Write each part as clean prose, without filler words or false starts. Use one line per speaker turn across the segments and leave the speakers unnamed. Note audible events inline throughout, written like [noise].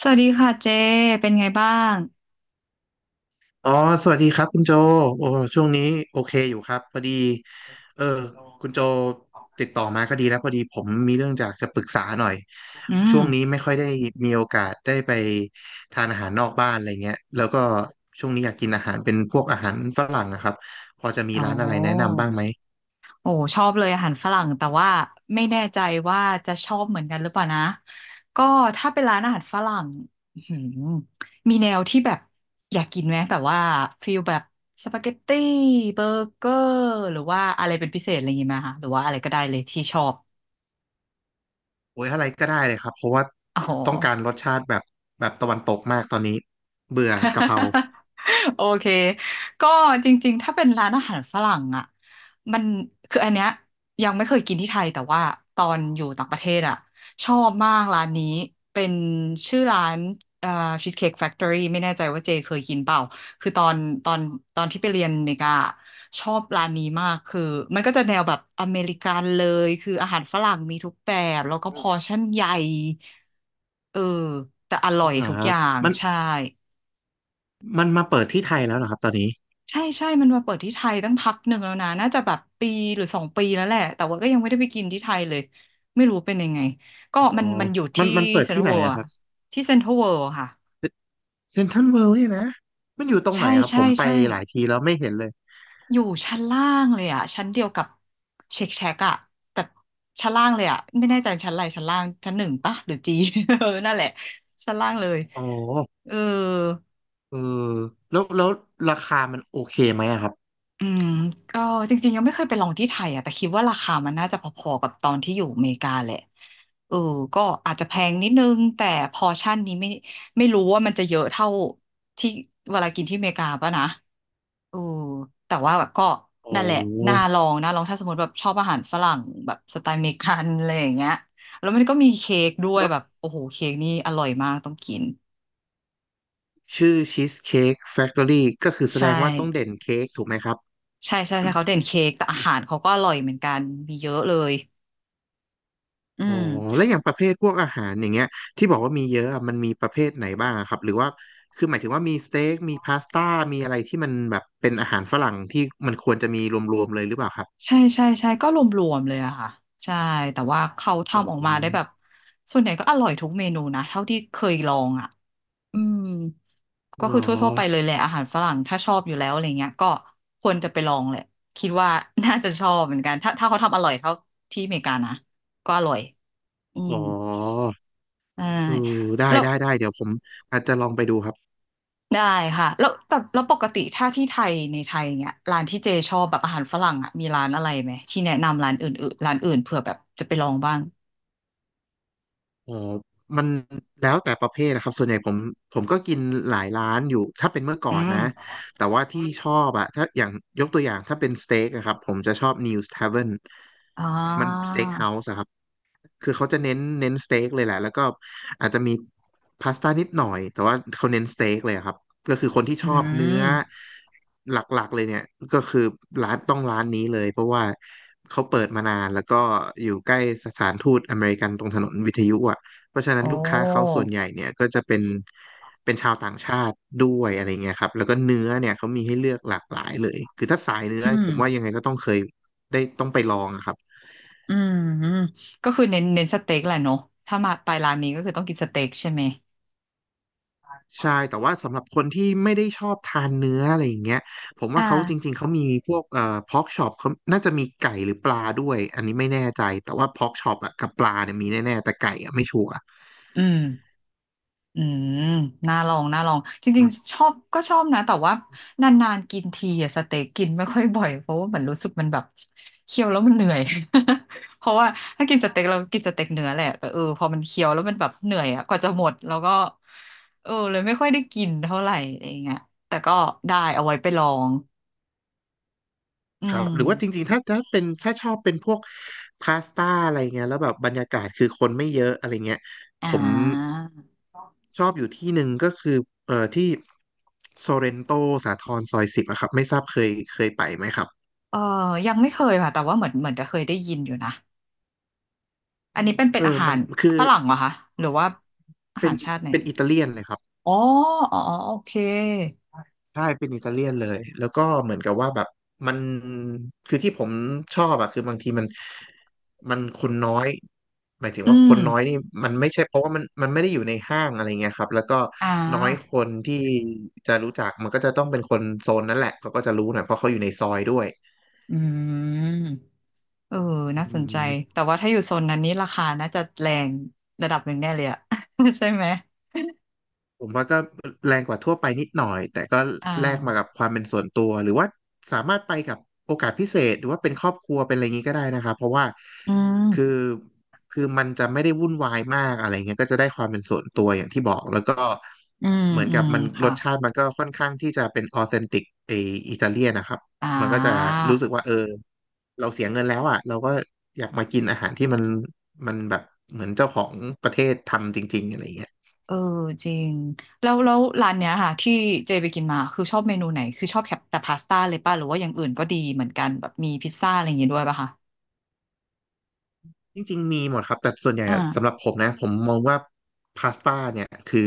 สวัสดีค่ะเจเป็นไงบ้าง
อ๋อสวัสดีครับคุณโจโอ้ช่วงนี้โอเคอยู่ครับพอดีเออคุณโจติดต่อมาก็ดีแล้วพอดีผมมีเรื่องจากจะปรึกษาหน่อย
อืม
ช่วงนี้ไม่ค่อยได้มีโอกาสได้ไปทานอาหารนอกบ้านอะไรเงี้ยแล้วก็ช่วงนี้อยากกินอาหารเป็นพวกอาหารฝรั่งอะครับ พอจะมี
โอ้
ร้านอะไรแนะ
อ
นำบ้างไหม
โอ้ชอบเลยอาหารฝรั่งแต่ว่าไม่แน่ใจว่าจะชอบเหมือนกันหรือเปล่านะก็ถ้าเป็นร้านอาหารฝรั่งอื้อหือมีแนวที่แบบอยากกินไหมแบบว่าฟิลแบบสปาเกตตี้เบอร์เกอร์หรือว่าอะไรเป็นพิเศษอะไรอย่างงี้ไหมคะหรือว่าอะไรก็ได้เลยที่ชอบ
โอ้ยอะไรก็ได้เลยครับ เพราะว่า
อ๋อ
ต้องการรสชาติแบบตะวันตกมากตอนนี้เบื่อกะเพรา
[laughs] โอเค ก็จริงๆ ถ้าเป็นร้านอาหารฝรั่งอ่ะมันคืออันเนี้ยยังไม่เคยกินที่ไทยแต่ว่าตอนอยู่ต่างประเทศอ่ะชอบมากร้านนี้เป็นชื่อร้านเอ่อชีสเค้กแฟคทอรี่ไม่แน่ใจว่าเจเคยกินเปล่าคือตอนตอนที่ไปเรียนอเมริกาอะชอบร้านนี้มากคือมันก็จะแนวแบบอเมริกันเลยคืออาหารฝรั่งมีทุกแบบแล้วก็พอร์ชั่นใหญ่เออแต่อร่
จ
อ
ริ
ย
งเหรอ
ทุก
ค
อ
รับ
ย่าง
มัน
ใช่
มันมาเปิดที่ไทยแล้วเหรอครับตอนนี้
ใช่ใช่ มันมาเปิดที่ไทยตั้งพักหนึ่งแล้วนะน่าจะแบบปีหรือสองปีแล้วแหละแต่ว่าก็ยังไม่ได้ไปกินที่ไทยเลยไม่รู้เป็นยังไงก็
อ๋อ
มันอยู่ที่
มันเปิด
เซ็นท
ที่
รัล
ไหน
เวิลด์
อะค
อะ
รับ
ที่เซ็นทรัลเวิลด์ค่ะ
เซ็นทรัลเวิลด์เนี่ยนะ มันอยู่ตรงไห
ใช่
นอะครับ
ใช่
ผมไป
ใช่
หลายทีแล้วไม่เห็นเลย
อยู่ชั้นล่างเลยอะชั้นเดียวกับเช็คแช็กอะแต่ชั้นล่างเลยอะไม่แน่ใจชั้นอะไรชั้นล่างชั้นหนึ่งปะหรือจี [laughs] เออนั่นแหละชั้นล่างเลย
อ๋อ
เออ
เออแล้วราคามันโอเคไหมอะครับ
อืมก็จริงๆยังไม่เคยไปลองที่ไทยอ่ะแต่คิดว่าราคามันน่าจะพอๆกับตอนที่อยู่อเมริกาแหละเออก็อาจจะแพงนิดนึงแต่พอร์ชั่นนี้ไม่รู้ว่ามันจะเยอะเท่าที่เวลากินที่อเมริกาป่ะนะเออแต่ว่าแบบก็
อ๋
นั่นแหละน่า
อ
ลองนะลองถ้าสมมติแบบชอบอาหารฝรั่งแบบสไตล์อเมริกันอะไรอย่างเงี้ยแล้วมันก็มีเค้กด้วย
แล้ว
แบบโอ้โหเค้กนี่อร่อยมากต้องกิน
ชื่อชีสเค้กแฟ c ทอรี่ก็คือแส
ใช่
ดงว่าต้องเด่นเค้กถูกไหมครับ
ใช่ใช่ใช่เขาเด่นเค้กแต่อาหารเขาก็อร่อยเหมือนกันมีเยอะเลยอื
อ๋อ
ม
แล้วอย่างประเภทพวกอาหารอย่างเงี้ยที่บอกว่ามีเยอะอะมันมีประเภทไหนบ้างอะครับหรือว่าคือหมายถึงว่ามีสเต็กมีพาสต้ามีอะไรที่มันแบบเป็นอาหารฝรั่งที่มันควรจะมีรวมๆเลยหรือเปล่าครับ
ใช่ใช่ใช่ก็รวมๆเลยอะค่ะใช่แต่ว่าเขา
อ๋อ
ทำออกมาได้แบบส่วนใหญ่ก็อร่อยทุกเมนูนะเท่าที่เคยลองอะอืมก็
เหร
คื
อ
อทั่วๆไปเลยแหละอาหารฝรั่งถ้าชอบอยู่แล้วอะไรเงี้ยก็ควรจะไปลองแหละคิดว่า [laughs] น่าจะชอบเหมือนกันถ้าถ้าเขาทำอร่อยเท่าที่อเมริกานะก็อร่อยอื
อ๋
ม
อ
ได้
เออได้
แล้ว
ได้ได้เดี๋ยวผมอาจจะลองไปดูครับ
ได้ค่ะแล้วแต่แล้วปกติถ้าที่ไทยในไทยเนี้ยร้านที่เจชอบแบบอาหารฝรั่งอะมีร้านอะไรไหมที่แนะนำร้านอื่นๆร้านอื่นเผื่อแบบจะไปลองบ้าง
อ๋อมันแล้วแต่ประเภทนะครับส่วนใหญ่ผมก็กินหลายร้านอยู่ถ้าเป็นเมื่อก่อ
อื
น
ม
นะ แต่ว่าที่ชอบอะถ้าอย่างยกตัวอย่างถ้าเป็นสเต็กอะครับผมจะชอบ News Tavern
อ๋อ
มันสเต็กเฮาส์อะครับ คือเขาจะเน้นสเต็กเลยแหละแล้วก็อาจจะมีพาสต้านิดหน่อยแต่ว่าเขาเน้นสเต็กเลยอะครับ ก็คือคนที่
อื
ชอบเนื้อ
ม
หลักๆเลยเนี่ยก็คือร้านต้องร้านนี้เลยเพราะว่าเขาเปิดมานานแล้วก็อยู่ใกล้สถานทูตอเมริกันตรงถนนวิทยุอ่ะ เพราะฉะนั้
โอ้
นลูกค้าเขาส่วนใหญ่เนี่ยก็จะเป็นชาวต่างชาติด้วยอะไรเงี้ยครับแล้วก็เนื้อเนี่ยเขามีให้เลือกหลากหลายเลยคือถ้าสายเนื้อ
อืม
ผมว่ายังไงก็ต้องเคยได้ต้องไปลองอะครับ
อืม อืม ก็คือเน้นสเต็กแหละเนอะ ถ้ามาไปร้านนี้ก็คือต้องกินสเต็กใช่ไหม
ใช่แต่ว่าสำหรับคนที่ไม่ได้ชอบทานเนื้ออะไรอย่างเงี้ยผม
อ่
ว่าเขาจริ
า
งๆเขามีพวกพอกช็อปเขาน่าจะมีไก่หรือปลาด้วยอันนี้ไม่แน่ใจแต่ว่าพอกช็อปอะกับปลาเนี่ยมีแน่ๆแต่ไก่อะไม่ชัวร์
อืม อืมน่าลองน่าลองจริงๆ ชอบก็ชอบนะแต่ว่านานๆกินทีอะสเต็กกินไม่ค่อยบ่อยเพราะว่าเหมือนรู้สึกมันแบบเคี้ยวแล้วมันเหนื่อย [laughs] เพราะว่าถ้ากินสเต็กเรากินสเต็กเนื้อแหละแต่เออพอมันเคี้ยวแล้วมันแบบเหนื่อยอะกว่าจะหมดแล้วก็เออเลยไม่ค่อยได้กินเท่าไหร่อะไรอย่างเงี้ยแต่ก็ได้เอาไว้ไปลองอื
ครับหรือว่าจ
ม
ริงๆถ้าเป็นถ้าชอบเป็นพวกพาสต้าอะไรเงี้ยแล้วแบบบรรยากาศคือคนไม่เยอะอะไรเงี้ย
อ่
ผม
า
ชอบอยู่ที่หนึ่งก็คือที่โซเรนโตสาทรซอย 10อะครับไม่ทราบเคยไปไหมครับ
เออยังไม่เคยค่ะแต่ว่าเหมือนจะเคยได้ยินอยู่นะอันนี้เป็นเป็
เอ
นอา
อ
หา
มั
ร
นคือ
ฝรั่งเหรอคะหรือว่าอา
เป็
หา
น
รชาติไหน
อิตาเลียนเลยครับ
อ๋ออ๋ออ๋อโอเค
ใช่เป็นอิตาเลียนเลยแล้วก็เหมือนกับว่าแบบมันคือที่ผมชอบอะคือบางทีมันคนน้อยหมายถึง
อื
ว่าค
ม
นน้อยนี่มันไม่ใช่เพราะว่ามันไม่ได้อยู่ในห้างอะไรเงี้ยครับแล้วก็
อ่
น้อยค
า
นที่จะรู้จักมันก็จะต้องเป็นคนโซนนั้นแหละเขาก็จะรู้หน่อยเพราะเขาอยู่ในซอยด้วย
อืมเออ
อื
น่าสนใจ
ม
แต่ว่าถ้าอยู่โซนนั้นนี้ราคาน่าจะแรงระดับหนึ่งแน่เลยอะ [laughs] ใช่ไหม
ผมว่าก็แรงกว่าทั่วไปนิดหน่อยแต่ก็
อ่
แลกมา
า
กับความเป็นส่วนตัวหรือว่าสามารถไปกับโอกาสพิเศษหรือว่าเป็นครอบครัวเป็นอะไรอย่างนี้ก็ได้นะครับเพราะว่า
อื
คือ
ม
มันจะไม่ได้วุ่นวายมากอะไรเงี้ยก็จะได้ความเป็นส่วนตัวอย่างที่บอกแล้วก็
อืม
เหมือน
อื
กับ
ม
มันร
ค่ะ
สชาติมันก็ค่อนข้างที่จะเป็นออเทนติกไออิตาเลียนนะครับ
อ่
มันก็จะ
า
รู้สึกว่าเออเราเสียเงินแล้วอ่ะเราก็อยากมากินอาหารที่มันแบบเหมือนเจ้าของประเทศทำจริงๆอะไรอย่างเงี้ย
เออจริงแล้วแล้วร้านเนี้ยค่ะที่เจไปกินมา คือชอบเมนูไหนคือชอบแค่แต่พาสต้าเลยป่ะหรือว่าอย่างอื่นก็ดีเหมือนกันแบบมีพิซซ่าอะไรอย่างงี้ด้วยป่ะคะ
จริงๆ มีหมดครับแต่ส่วนใหญ่
อ่า
อะสำหรับผมนะผมมองว่าพาสต้าเนี่ยคือ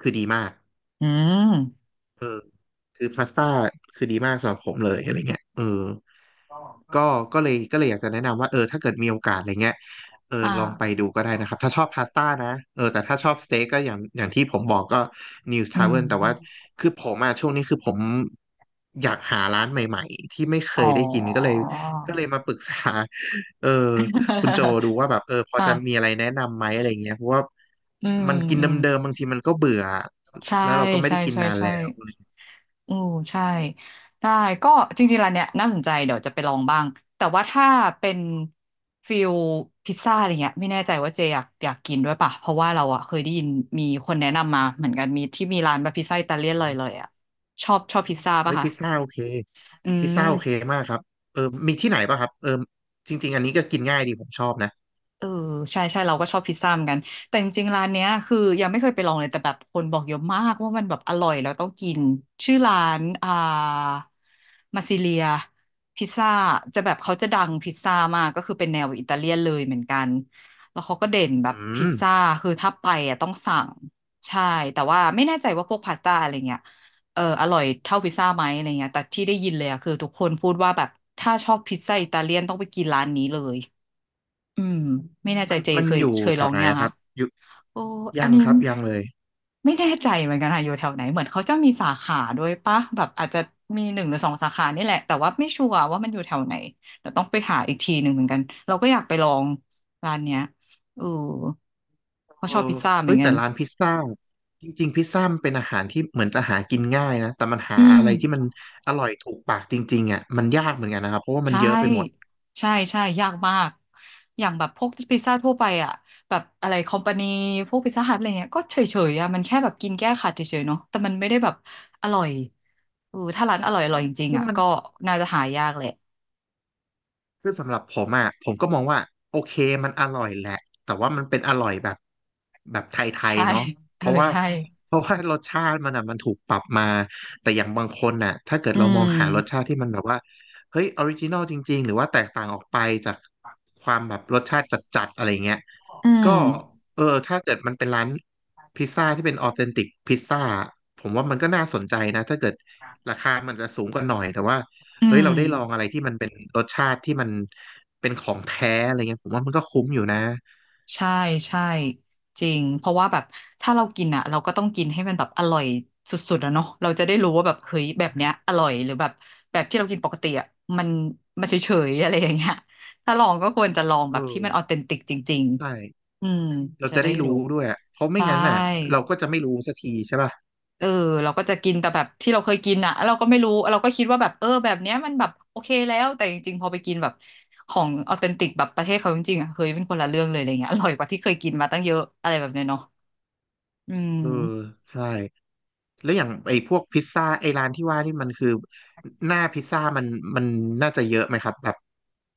ดีมาก
อืม
เออ คือพาสต้าคือดีมากสำหรับผมเลยอะไรเงี้ยเออก็ก็เลยอยากจะแนะนำว่าเออถ้าเกิดมีโอกาสอะไรเงี้ยเออ
อ่า
ลองไปดูก็ได้นะครับถ้าชอบพาสต้านะเออแต่ถ้าชอบสเต็กก็อย่างที่ผมบอกก็ News
อื
Tavern แต่ว่า
ม
คือผมอะช่วงนี้คือผมอยากหาร้านใหม่ๆที่ไม่เค
อ๋อ
ยได้กินก็เลยมาปรึกษาเออคุณโจ
[laughs]
ดูว่าแบบเออพอ
อ่ะ
จะมีอะไรแนะนำไหมอะไรเงี้ยเพราะว่า
อืม
มันกิน
อื
เด
ม
ิมๆบางทีมันก็เบื่อ
ใช่
แล้วเราก็ไม่
ใช่
ได้กิน
ใช่
นาน
ใช่
แล้ว
อือใช่ได้ก็จริงๆร้านเนี้ยน่าสนใจเดี๋ยวจะไปลองบ้างแต่ว่าถ้าเป็นฟิลพิซซ่าอะไรเงี้ยไม่แน่ใจว่าเจอยากกินด้วยป่ะเพราะว่าเราอะเคยได้ยินมีคนแนะนำมาเหมือนกันมีที่มีร้านแบบพิซซ่าอิตาเลียนเลยอะชอบพิซซ่า
เฮ้
ป่ะ
ย
คะ
พิซซ่าโอเค
อื
พิซซ่าโอเค
ม
มากครับเออมีที่ไหนป่ะครับเออจริงๆอันนี้ก็กินง่ายดีผมชอบนะ
เออใช่ใช่เราก็ชอบพิซซ่าเหมือนกันแต่จริงๆร้านเนี้ยคือยังไม่เคยไปลองเลยแต่แบบคนบอกเยอะมากว่ามันแบบอร่อยแล้วต้องกินชื่อร้านมาซิเลียพิซซ่าจะแบบเขาจะดังพิซซ่ามากก็คือเป็นแนวอิตาเลียนเลยเหมือนกันแล้วเขาก็เด่นแบบ
อื
พิ
ม
ซซ่าคือถ้าไปอ่ะต้องสั่งใช่แต่ว่าไม่แน่ใจว่าพวกพาสต้าอะไรเงี้ยเอออร่อยเท่าพิซซ่าไหมอะไรเงี้ยแต่ที่ได้ยินเลยอะคือทุกคนพูดว่าแบบถ้าชอบพิซซ่าอิตาเลียนต้องไปกินร้านนี้เลย อืมไม่แน่ใจ
มัน
เจ
มัน
เคย
อยู่แถ
ลอ
ว
ง
ไหน
ยัง
อะค
คะ
รับอยู่
โอ้อั
ยั
น
ง
นี้
ครับยังเลย
ไม่แน่ใจเหมือนกันค่ะอยู่แถวไหนเหมือนเขาจะมีสาขาด้วยปะแบบอาจจะมีหนึ่งหรือสองสาขานี่แหละแต่ว่าไม่ชัวร์ว่ามันอยู่แถวไหนเดี๋ยวต้องไปหาอีกทีหนึ่งเหมือนกันเราก็อยากไปลองร้านเนี้ยเออ
เอ
เพราะชอบ
อ
พิซซ่าเหมื
เอ้
อ
ย
นกั
แต่
น
ร้านพิซซ่าจริงๆพิซซ่ามันเป็นอาหารที่เหมือนจะหากินง่ายนะแต่มันหา
อื
อะ
ม
ไรที่มันอร่อยถูกปากจริงๆอ่ะมันยากเหมือนกันนะครับเพราะว่า
ใช
มันเยอะไปหมด
่ใช่ใช่ยากมากอย่างแบบพวกพิซซ่าทั่วไปอ่ะแบบอะไรคอมพานีพวกพิซซ่าฮัทอะไรเงี้ยก็เฉยๆอ่ะมันแค่แบบกินแก้ขัดเฉยๆเนาะแต่มันไม่ได้แบบอร่อยเออถ้าร้านอร่อยอร่อยจริง
คื
ๆ
อ
อ่ะ
มัน
ก็น่าจะหายากแหละ
คือสำหรับผมอ่ะผมก็มองว่าโอเคมันอร่อยแหละแต่ว่ามันเป็นอร่อยแบบแบบไทย
ใช่
ๆเนาะ
เอ
เพ
อ
ราะว่า
ใช่
เพราะว่ารสชาติมันอ่ะมันถูกปรับมาแต่อย่างบางคนน่ะถ้าเกิด
อื
เรามองหารสชาติ
ม
ที่มันแบบว่าเฮ้ยออริจินอลจริงๆหรือว่าแตกต่างออกไปจากความแบบรสชาติจัดๆอะไรเงี้ย
อื
ก็
ม
เออถ้าเกิดมันเป็นร้านพิซซ่าที่เป็นออเทนติกพิซซ่าผมว่ามันก็น่าสนใจนะถ้าเกิดราคามันจะสูงกว่าหน่อยแต่ว่า
อื
เฮ้ย
ม
เราได้ลองอะไรที่มันเป็นรสชาติที่มันเป็นของแท้อะไรเงี้ยผมว่ามันก็คุ้มอยู่นะ
ใช่ใช่จริงเพราะว่าแบบถ้าเรากินอ่ะเราก็ต้องกินให้มันแบบอร่อยสุดๆอะเนาะเราจะได้รู้ว่าแบบเฮ้ยแบบเนี้ยอร่อยหรือแบบแบบที่เรากินปกติอ่ะมันมันเฉยๆอะไรอย่างเงี้ยถ้าลองก็ควรจะลอง
เอ
แบบที่มั
อ
นออเทนติกจริง
ใช่
ๆอืม
เรา
จะ
จะ
ได้
ได้
รู้
รู้ด้วยอะเพราะไม่
ใช่
งั้นอ่ะเราก็จะไม่รู้สักทีใช่ป่ะ
เออเราก็จะกินแต่แบบที่เราเคยกินอ่ะแล้วเราก็ไม่รู้เราก็คิดว่าแบบเออแบบเนี้ยมันแบบโอเคแล้วแต่จริงๆพอไปกินแบบของออเทนติกแบบประเทศเขาจริงๆอ่ะเฮ้ยเป็นคนละเรื่องเลยอะไรเงี้ยอร่อยกว่าที่เคยกินมาตั้งเยอะอะไรแบบเนี้ยเนาะอื
เออ
ม
ใช่แล้วอย่างไอ้พวกพิซซ่าไอ้ร้านที่ว่านี่มันคือหน้าพิซซ่ามันน่าจะเยอะไหมครับแบบ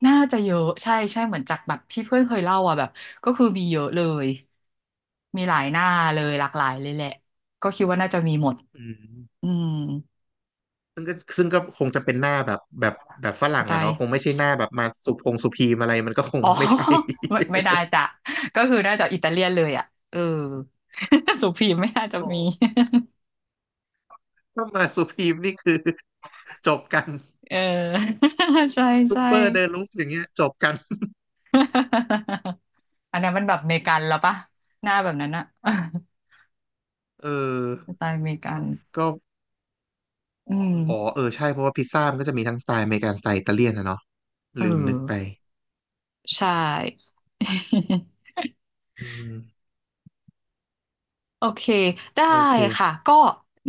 น่าจะเยอะใช่ใช่เหมือนจากแบบที่เพื่อนเคยเล่าอ่ะแบบก็คือมีเยอะเลยมีหลายหน้าเลยหลากหลายเลยแหละก็คิดว่าน่าจะมีหมด
อืม
อืม
ซึ่งก็คงจะเป็นหน้าแบบแบบฝ
ส
รั่ง
ไต
อะเนาะ
ล์
คงไม่ใช่หน้าแบบมาสุพงสุพีมอะไรมันก็คง
อ๋อ
ไม่ใช่
[laughs] ไม่ไม่ได้จ้ะก็คือน่าจะอิตาเลียนเลยอ่ะเออ [laughs] สุพีมไม่น่าจะ
[laughs] โอ้
มี
ถ้ามาสุพีมนี่คือจบกัน
[laughs] เออ [laughs] ใช่
ซุป
ใช่
เปอร์เดินลุกอย่างเงี้ยจบกัน [laughs]
[laughs] อันนั้นมันแบบอเมริกันแล้วปะหน้าแบบนั้นอะ [laughs]
เออ
สไตล์อเมริกัน
ก็
อื
อ๋อ
ม
เออใช่เพราะว่าพิซซ่ามันก็จะมีทั้งสไตล์อเมริกันสไตล์อิตาเลียนนะเนาะ
เอ
ลืมนึกไป
อใช่ [laughs]
อืม
โอเคได้
โอเค
ค่ะก็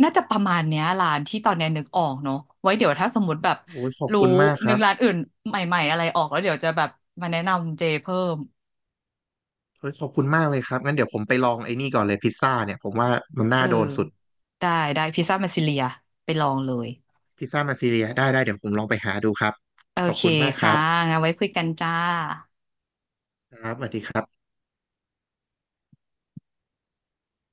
น่าจะประมาณเนี้ยร้านที่ตอนเนี้ยนึกออกเนอะไว้เดี๋ยวถ้าสมมติแบบ
โอ้ยขอบ
รู้
คุณมากค
นึ
รั
ก
บ
ร้านอื่นใหม่ๆอะไรออกแล้วเดี๋ยวจะแบบมาแนะนำเจเพิ่ม
เฮ้ยขอบคุณมากเลยครับงั้นเดี๋ยวผมไปลองไอ้นี่ก่อนเลยพิซซ่าเนี่ยผมว่ามัน
เอ
น่า
อ
โดนสุด
ได้ได้พิซซ่ามาซิเลียไปลองเลย
พิซซ่ามาซีเรียได้ได้เดี๋ยวผมลองไปหาดูครับ
โอ
ขอบ
เค
คุณมากค
ค่ะ
รับ
งั้นไว้คุยกันจ้า
ครับสวัสดีครับ